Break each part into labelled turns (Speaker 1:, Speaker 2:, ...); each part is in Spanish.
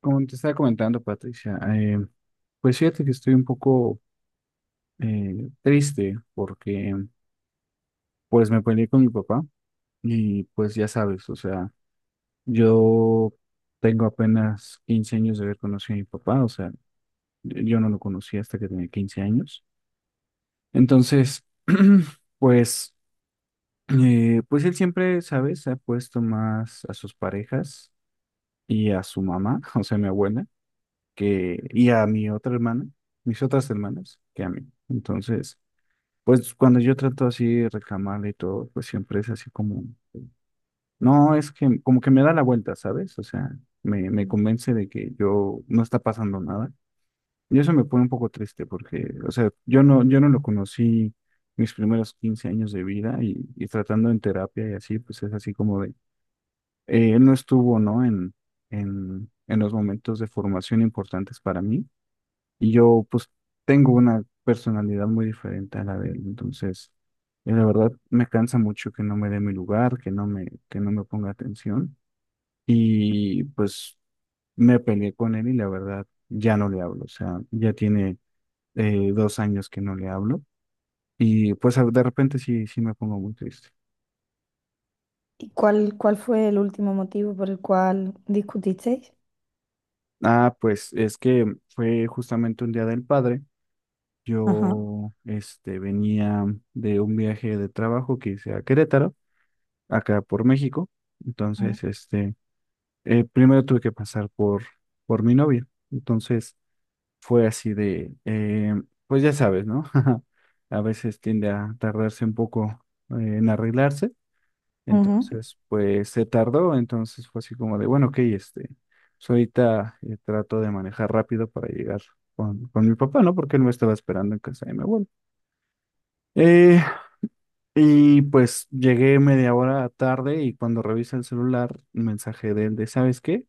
Speaker 1: Como te estaba comentando, Patricia, pues fíjate que estoy un poco triste porque pues me peleé con mi papá y pues ya sabes, o sea, yo tengo apenas 15 años de haber conocido a mi papá, o sea, yo no lo conocí hasta que tenía 15 años. Entonces, pues, pues él siempre, ¿sabes? Ha puesto más a sus parejas y a su mamá, o sea, mi abuela. Que, y a mi otra hermana, mis otras hermanas, que a mí. Entonces, pues cuando yo trato así de reclamarle y todo, pues siempre es así como, no, es que como que me da la vuelta, ¿sabes? O sea, me convence de que yo no está pasando nada. Y eso me pone un poco triste porque, o sea, yo no lo conocí mis primeros 15 años de vida y tratando en terapia y así, pues es así como de, él no estuvo, ¿no? En los momentos de formación importantes para mí y yo pues tengo una personalidad muy diferente a la de él, entonces la verdad me cansa mucho que no me dé mi lugar, que no me ponga atención y pues me peleé con él y la verdad ya no le hablo, o sea, ya tiene 2 años que no le hablo y pues de repente sí, sí me pongo muy triste.
Speaker 2: ¿Y cuál fue el último motivo por el cual discutisteis?
Speaker 1: Ah, pues es que fue justamente un día del padre,
Speaker 2: Ajá.
Speaker 1: yo venía de un viaje de trabajo que hice a Querétaro, acá por México.
Speaker 2: Mm.
Speaker 1: Entonces, primero tuve que pasar por mi novia. Entonces, fue así de, pues ya sabes, ¿no? A veces tiende a tardarse un poco en arreglarse.
Speaker 2: Ujú.
Speaker 1: Entonces, pues se tardó. Entonces fue así como de, bueno, ok, pues ahorita trato de manejar rápido para llegar con mi papá, ¿no? Porque él me estaba esperando en casa de mi abuelo. Eh, Y pues llegué media hora tarde y cuando revisé el celular, un mensaje de él de, ¿sabes qué?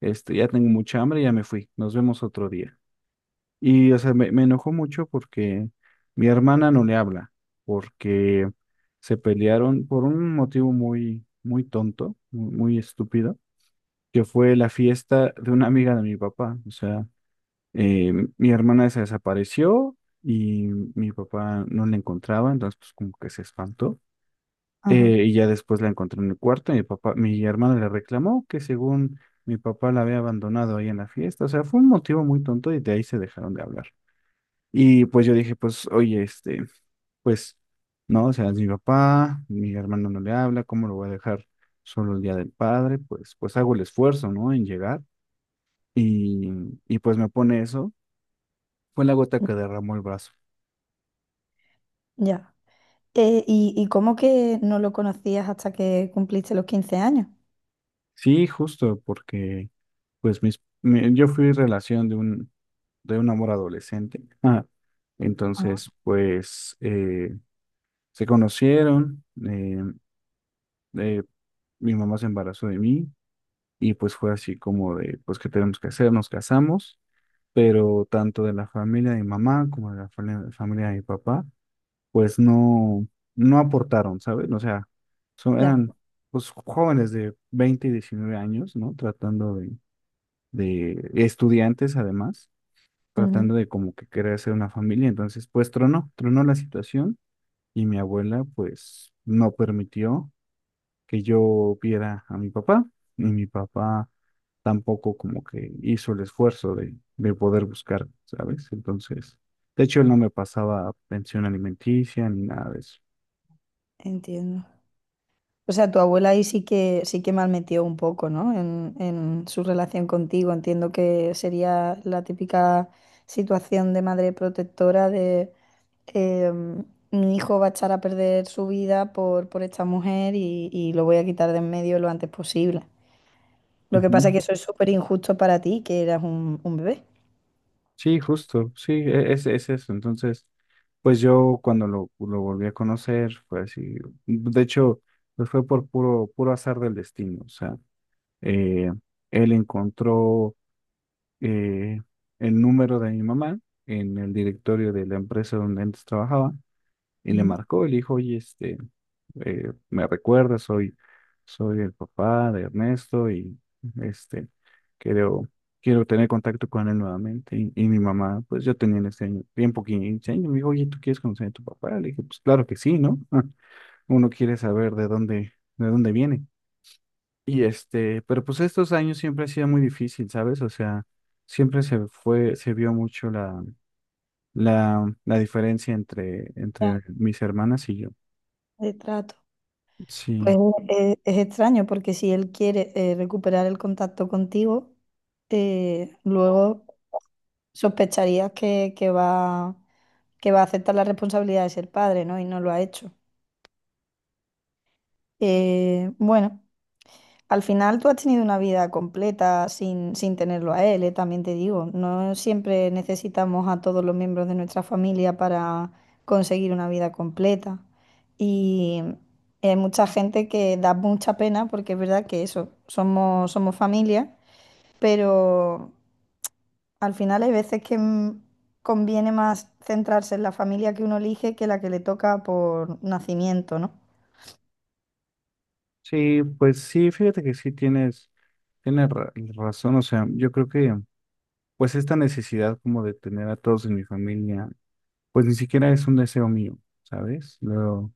Speaker 1: Ya tengo mucha hambre, ya me fui, nos vemos otro día. Y, o sea, me enojó mucho porque mi hermana no le habla, porque se pelearon por un motivo muy, muy tonto, muy, muy estúpido, que fue la fiesta de una amiga de mi papá. O sea, eh, mi hermana se desapareció y mi papá no la encontraba, entonces pues como que se espantó.
Speaker 2: Ajá.
Speaker 1: Y ya después la encontré en el cuarto y mi papá, mi hermana le reclamó que según mi papá la había abandonado ahí en la fiesta. O sea, fue un motivo muy tonto y de ahí se dejaron de hablar. Y pues yo dije, pues, oye, pues, no, o sea, es mi papá, mi hermano no le habla, ¿cómo lo voy a dejar solo el día del padre? Pues, pues hago el esfuerzo, ¿no? En llegar. Y, y pues me pone eso. Fue la gota
Speaker 2: Mm.
Speaker 1: que derramó el vaso.
Speaker 2: Ya. ¿Y cómo que no lo conocías hasta que cumpliste los 15 años?
Speaker 1: Sí, justo, porque pues yo fui relación de de un amor adolescente. Ah,
Speaker 2: Ah,
Speaker 1: entonces, pues se conocieron, eh, mi mamá se embarazó de mí y pues fue así como de, pues, ¿qué tenemos que hacer? Nos casamos, pero tanto de la familia de mi mamá como de la familia de mi papá, pues no, no aportaron, ¿sabes? O sea, son,
Speaker 2: ya.
Speaker 1: eran pues jóvenes de 20 y 19 años, ¿no? Tratando, de estudiantes además, tratando
Speaker 2: Ujú.
Speaker 1: de como que querer hacer una familia. Entonces, pues tronó, tronó la situación y mi abuela pues no permitió que yo viera a mi papá y mi papá tampoco como que hizo el esfuerzo de poder buscar, ¿sabes? Entonces, de hecho, él no me pasaba pensión alimenticia ni nada de eso.
Speaker 2: Entiendo. O sea, tu abuela ahí sí que malmetió un poco, ¿no? En su relación contigo. Entiendo que sería la típica situación de madre protectora de em, mi hijo va a echar a perder su vida por esta mujer y lo voy a quitar de en medio lo antes posible. Lo que pasa es que
Speaker 1: Ujú.
Speaker 2: eso es súper injusto para ti, que eras un bebé.
Speaker 1: Sí, justo, sí, es eso. Entonces, pues yo cuando lo volví a conocer, fue así. De hecho, pues fue por puro, puro azar del destino. O sea, eh, él encontró eh, el número de mi mamá en el directorio de la empresa donde antes trabajaba y le
Speaker 2: Ujú.
Speaker 1: marcó y le dijo, oye, me recuerda, soy el papá de Ernesto y este, quiero, quiero tener contacto con él nuevamente. Y mi mamá, pues yo tenía en ese año, tiempo 15 años, me dijo, oye, ¿tú quieres conocer a tu papá? Le dije, pues claro que sí, ¿no? Uno quiere saber de dónde viene. Y pero pues estos años siempre ha sido muy difícil, ¿sabes? O sea, siempre se fue, se vio mucho la, la diferencia entre,
Speaker 2: Ya,
Speaker 1: entre mis hermanas y yo.
Speaker 2: de trato. Pues
Speaker 1: Sí,
Speaker 2: es extraño porque si él quiere recuperar el contacto contigo, luego sospecharías que va a aceptar la responsabilidad de ser padre, ¿no? Y no lo ha hecho. Bueno, al final tú has tenido una vida completa sin tenerlo a él, ¿eh? También te digo, no siempre necesitamos a todos los miembros de nuestra familia para conseguir una vida completa. Y hay mucha gente que da mucha pena porque es verdad que eso, somos familia, pero. Al final hay veces que conviene más centrarse en la familia que uno elige que la que le toca por nacimiento, ¿no?
Speaker 1: sí, pues sí, fíjate que sí razón, o sea, yo creo que pues esta necesidad como de tener a todos en mi familia, pues ni siquiera es un deseo mío, ¿sabes? Lo,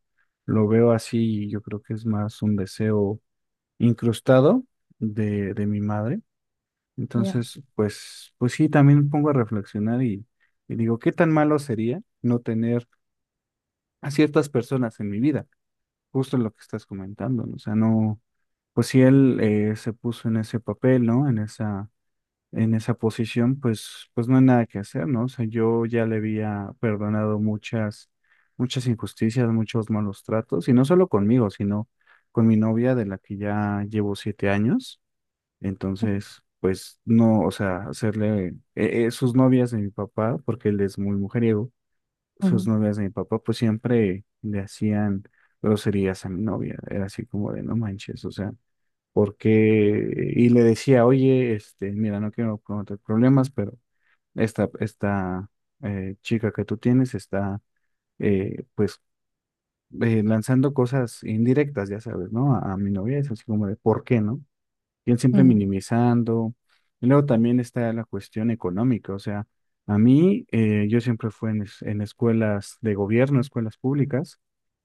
Speaker 1: lo veo así y yo creo que es más un deseo incrustado de mi madre.
Speaker 2: Ya,
Speaker 1: Entonces, pues, pues sí, también me pongo a reflexionar y digo, ¿qué tan malo sería no tener a ciertas personas en mi vida? Justo lo que estás comentando, ¿no? O sea, no, pues si él se puso en ese papel, ¿no? En esa posición, pues, pues no hay nada que hacer, ¿no? O sea, yo ya le había perdonado muchas, muchas injusticias, muchos malos tratos, y no solo conmigo, sino con mi novia, de la que ya llevo 7 años. Entonces, pues no, o sea, hacerle sus novias de mi papá, porque él es muy mujeriego, sus
Speaker 2: ujú,
Speaker 1: novias de mi papá, pues siempre le hacían groserías a mi novia. Era así como de, no manches, o sea, porque y le decía, oye, mira, no quiero cometer problemas, pero esta chica que tú tienes está, pues, lanzando cosas indirectas, ya sabes, ¿no? A mi novia es así como de, ¿por qué, no? Siguen siempre
Speaker 2: ujú,
Speaker 1: minimizando. Y luego también está la cuestión económica, o sea, a mí, yo siempre fui en, en escuelas de gobierno, escuelas públicas,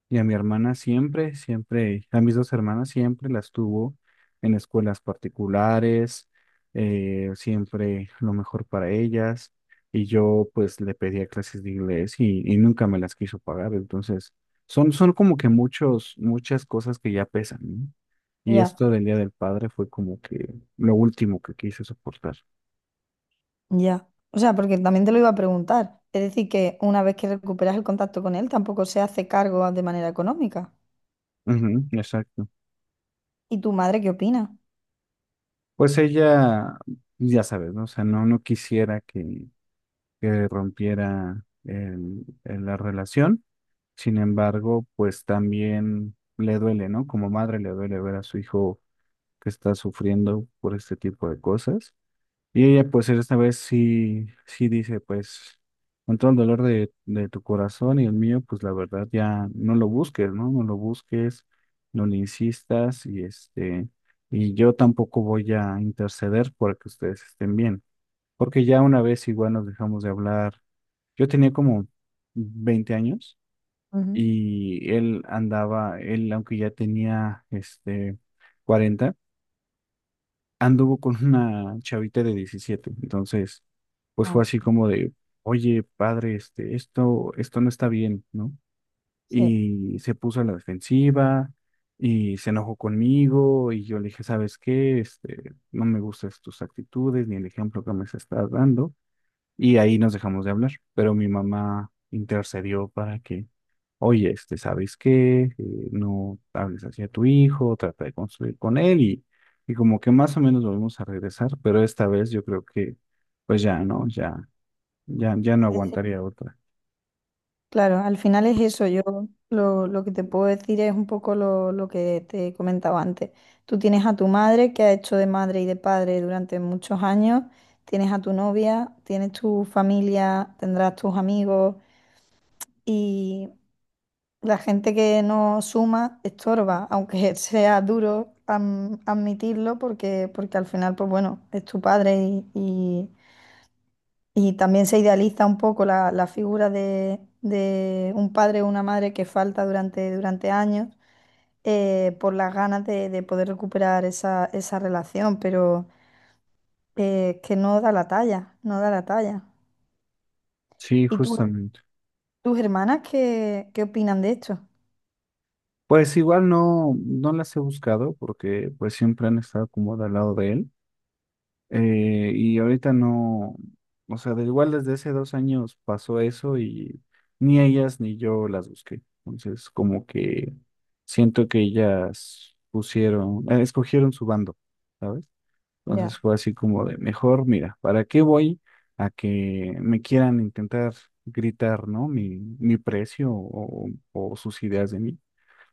Speaker 1: y a mi hermana siempre, siempre, a mis dos hermanas siempre las tuvo en escuelas particulares, siempre lo mejor para ellas, y yo pues le pedía clases de inglés y nunca me las quiso pagar, entonces son, son como que muchos, muchas cosas que ya pesan, ¿no? Y
Speaker 2: ya,
Speaker 1: esto del Día del Padre fue como que lo último que quise soportar.
Speaker 2: ya. O sea, porque también te lo iba a preguntar. Es decir, que una vez que recuperas el contacto con él, tampoco se hace cargo de manera económica.
Speaker 1: Ujú, exacto.
Speaker 2: ¿Y tu madre qué opina?
Speaker 1: Pues ella, pues ya sabes, ¿no? O sea, no, no quisiera que rompiera la relación. Sin embargo, pues también le duele, ¿no? Como madre le duele ver a su hijo que está sufriendo por este tipo de cosas. Y ella, pues, esta vez sí, sí dice, pues, con todo el dolor de tu corazón y el mío, pues, la verdad, ya no lo busques, ¿no? No lo busques, no le insistas y y yo tampoco voy a interceder para que ustedes estén bien. Porque ya una vez igual nos dejamos de hablar. Yo tenía como 20 años
Speaker 2: Ujú,
Speaker 1: y él andaba, él, aunque ya tenía, 40, anduvo con una chavita de 17. Entonces, pues fue así
Speaker 2: madre,
Speaker 1: como de, oye, padre, esto, esto no está bien, ¿no?
Speaker 2: sí.
Speaker 1: Y se puso a la defensiva y se enojó conmigo y yo le dije, ¿sabes qué? No me gustan tus actitudes ni el ejemplo que me estás dando. Y ahí nos dejamos de hablar, pero mi mamá intercedió para que, oye, ¿sabes qué? No hables hacia tu hijo, trata de construir con él y como que más o menos volvemos a regresar, pero esta vez yo creo que pues ya, ¿no? Ya, ya, ya no aguantaría otra.
Speaker 2: Claro, al final es eso. Yo lo que te puedo decir es un poco lo que te comentaba antes. Tú tienes a tu madre que ha hecho de madre y de padre durante muchos años, tienes a tu novia, tienes tu familia, tendrás tus amigos y la gente que no suma estorba, aunque sea duro admitirlo porque al final, pues bueno, es tu padre y, y y también se idealiza un poco la figura de un padre o una madre que falta durante años por las ganas de poder recuperar esa relación, pero que no da la talla, no da la talla.
Speaker 1: Sí,
Speaker 2: ¿Y
Speaker 1: justamente.
Speaker 2: tus hermanas qué opinan de esto?
Speaker 1: Pues igual no las he buscado porque pues siempre han estado como de al lado de él. Y ahorita no, o sea, de igual desde hace 2 años pasó eso y ni ellas ni yo las busqué. Entonces, como que siento que ellas pusieron, escogieron su bando, ¿sabes? Entonces
Speaker 2: Ya.
Speaker 1: fue así como de, mejor, mira, ¿para qué voy a que me quieran intentar gritar, ¿no? Mi precio o sus ideas de mí.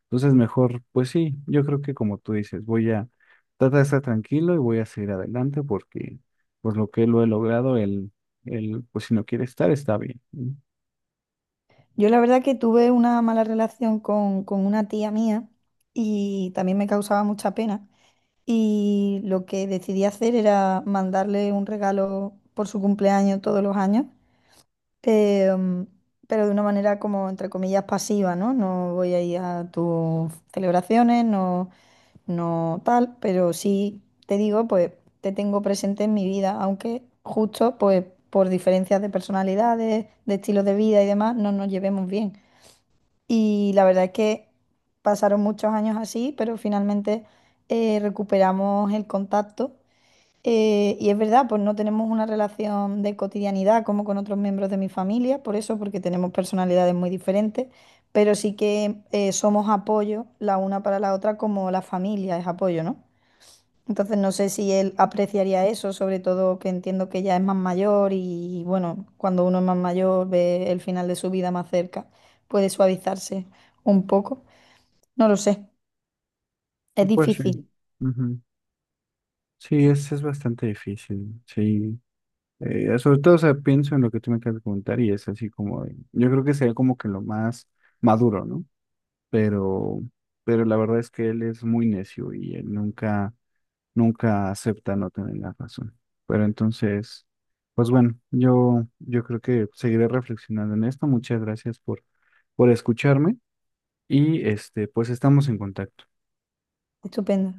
Speaker 1: Entonces, mejor, pues sí, yo creo que como tú dices, voy a tratar de estar tranquilo y voy a seguir adelante porque pues lo que lo he logrado, él pues si no quiere estar, está bien, ¿no?
Speaker 2: Yo la verdad que tuve una mala relación con una tía mía y también me causaba mucha pena. Y lo que decidí hacer era mandarle un regalo por su cumpleaños todos los años. Em, pero de una manera como, entre comillas, pasiva, ¿no? No voy a ir a tus celebraciones, no, no tal, pero sí te digo, pues te tengo presente en mi vida, aunque justo, pues por diferencias de personalidades, de estilos de vida y demás, no nos llevemos bien. Y la verdad es que pasaron muchos años así, pero finalmente recuperamos el contacto. Y es verdad, pues no tenemos una relación de cotidianidad como con otros miembros de mi familia, por eso, porque tenemos personalidades muy diferentes, pero sí que somos apoyo la una para la otra como la familia es apoyo, ¿no? Entonces no sé si él apreciaría eso, sobre todo que entiendo que ya es más mayor y bueno, cuando uno es más mayor ve el final de su vida más cerca, puede suavizarse un poco. No lo sé, es
Speaker 1: Y pues sí.
Speaker 2: difícil.
Speaker 1: Ujú. Sí, es bastante difícil, sí. Sobre todo, o sea, pienso en lo que tú me acabas de comentar y es así como, de- yo creo que sería como que lo más maduro, ¿no? Pero, pero la verdad es que él es muy necio y él nunca acepta no tener la razón. Pero entonces, pues bueno, yo creo que seguiré reflexionando en esto. Muchas gracias por escucharme y pues estamos en contacto.
Speaker 2: Estupendo.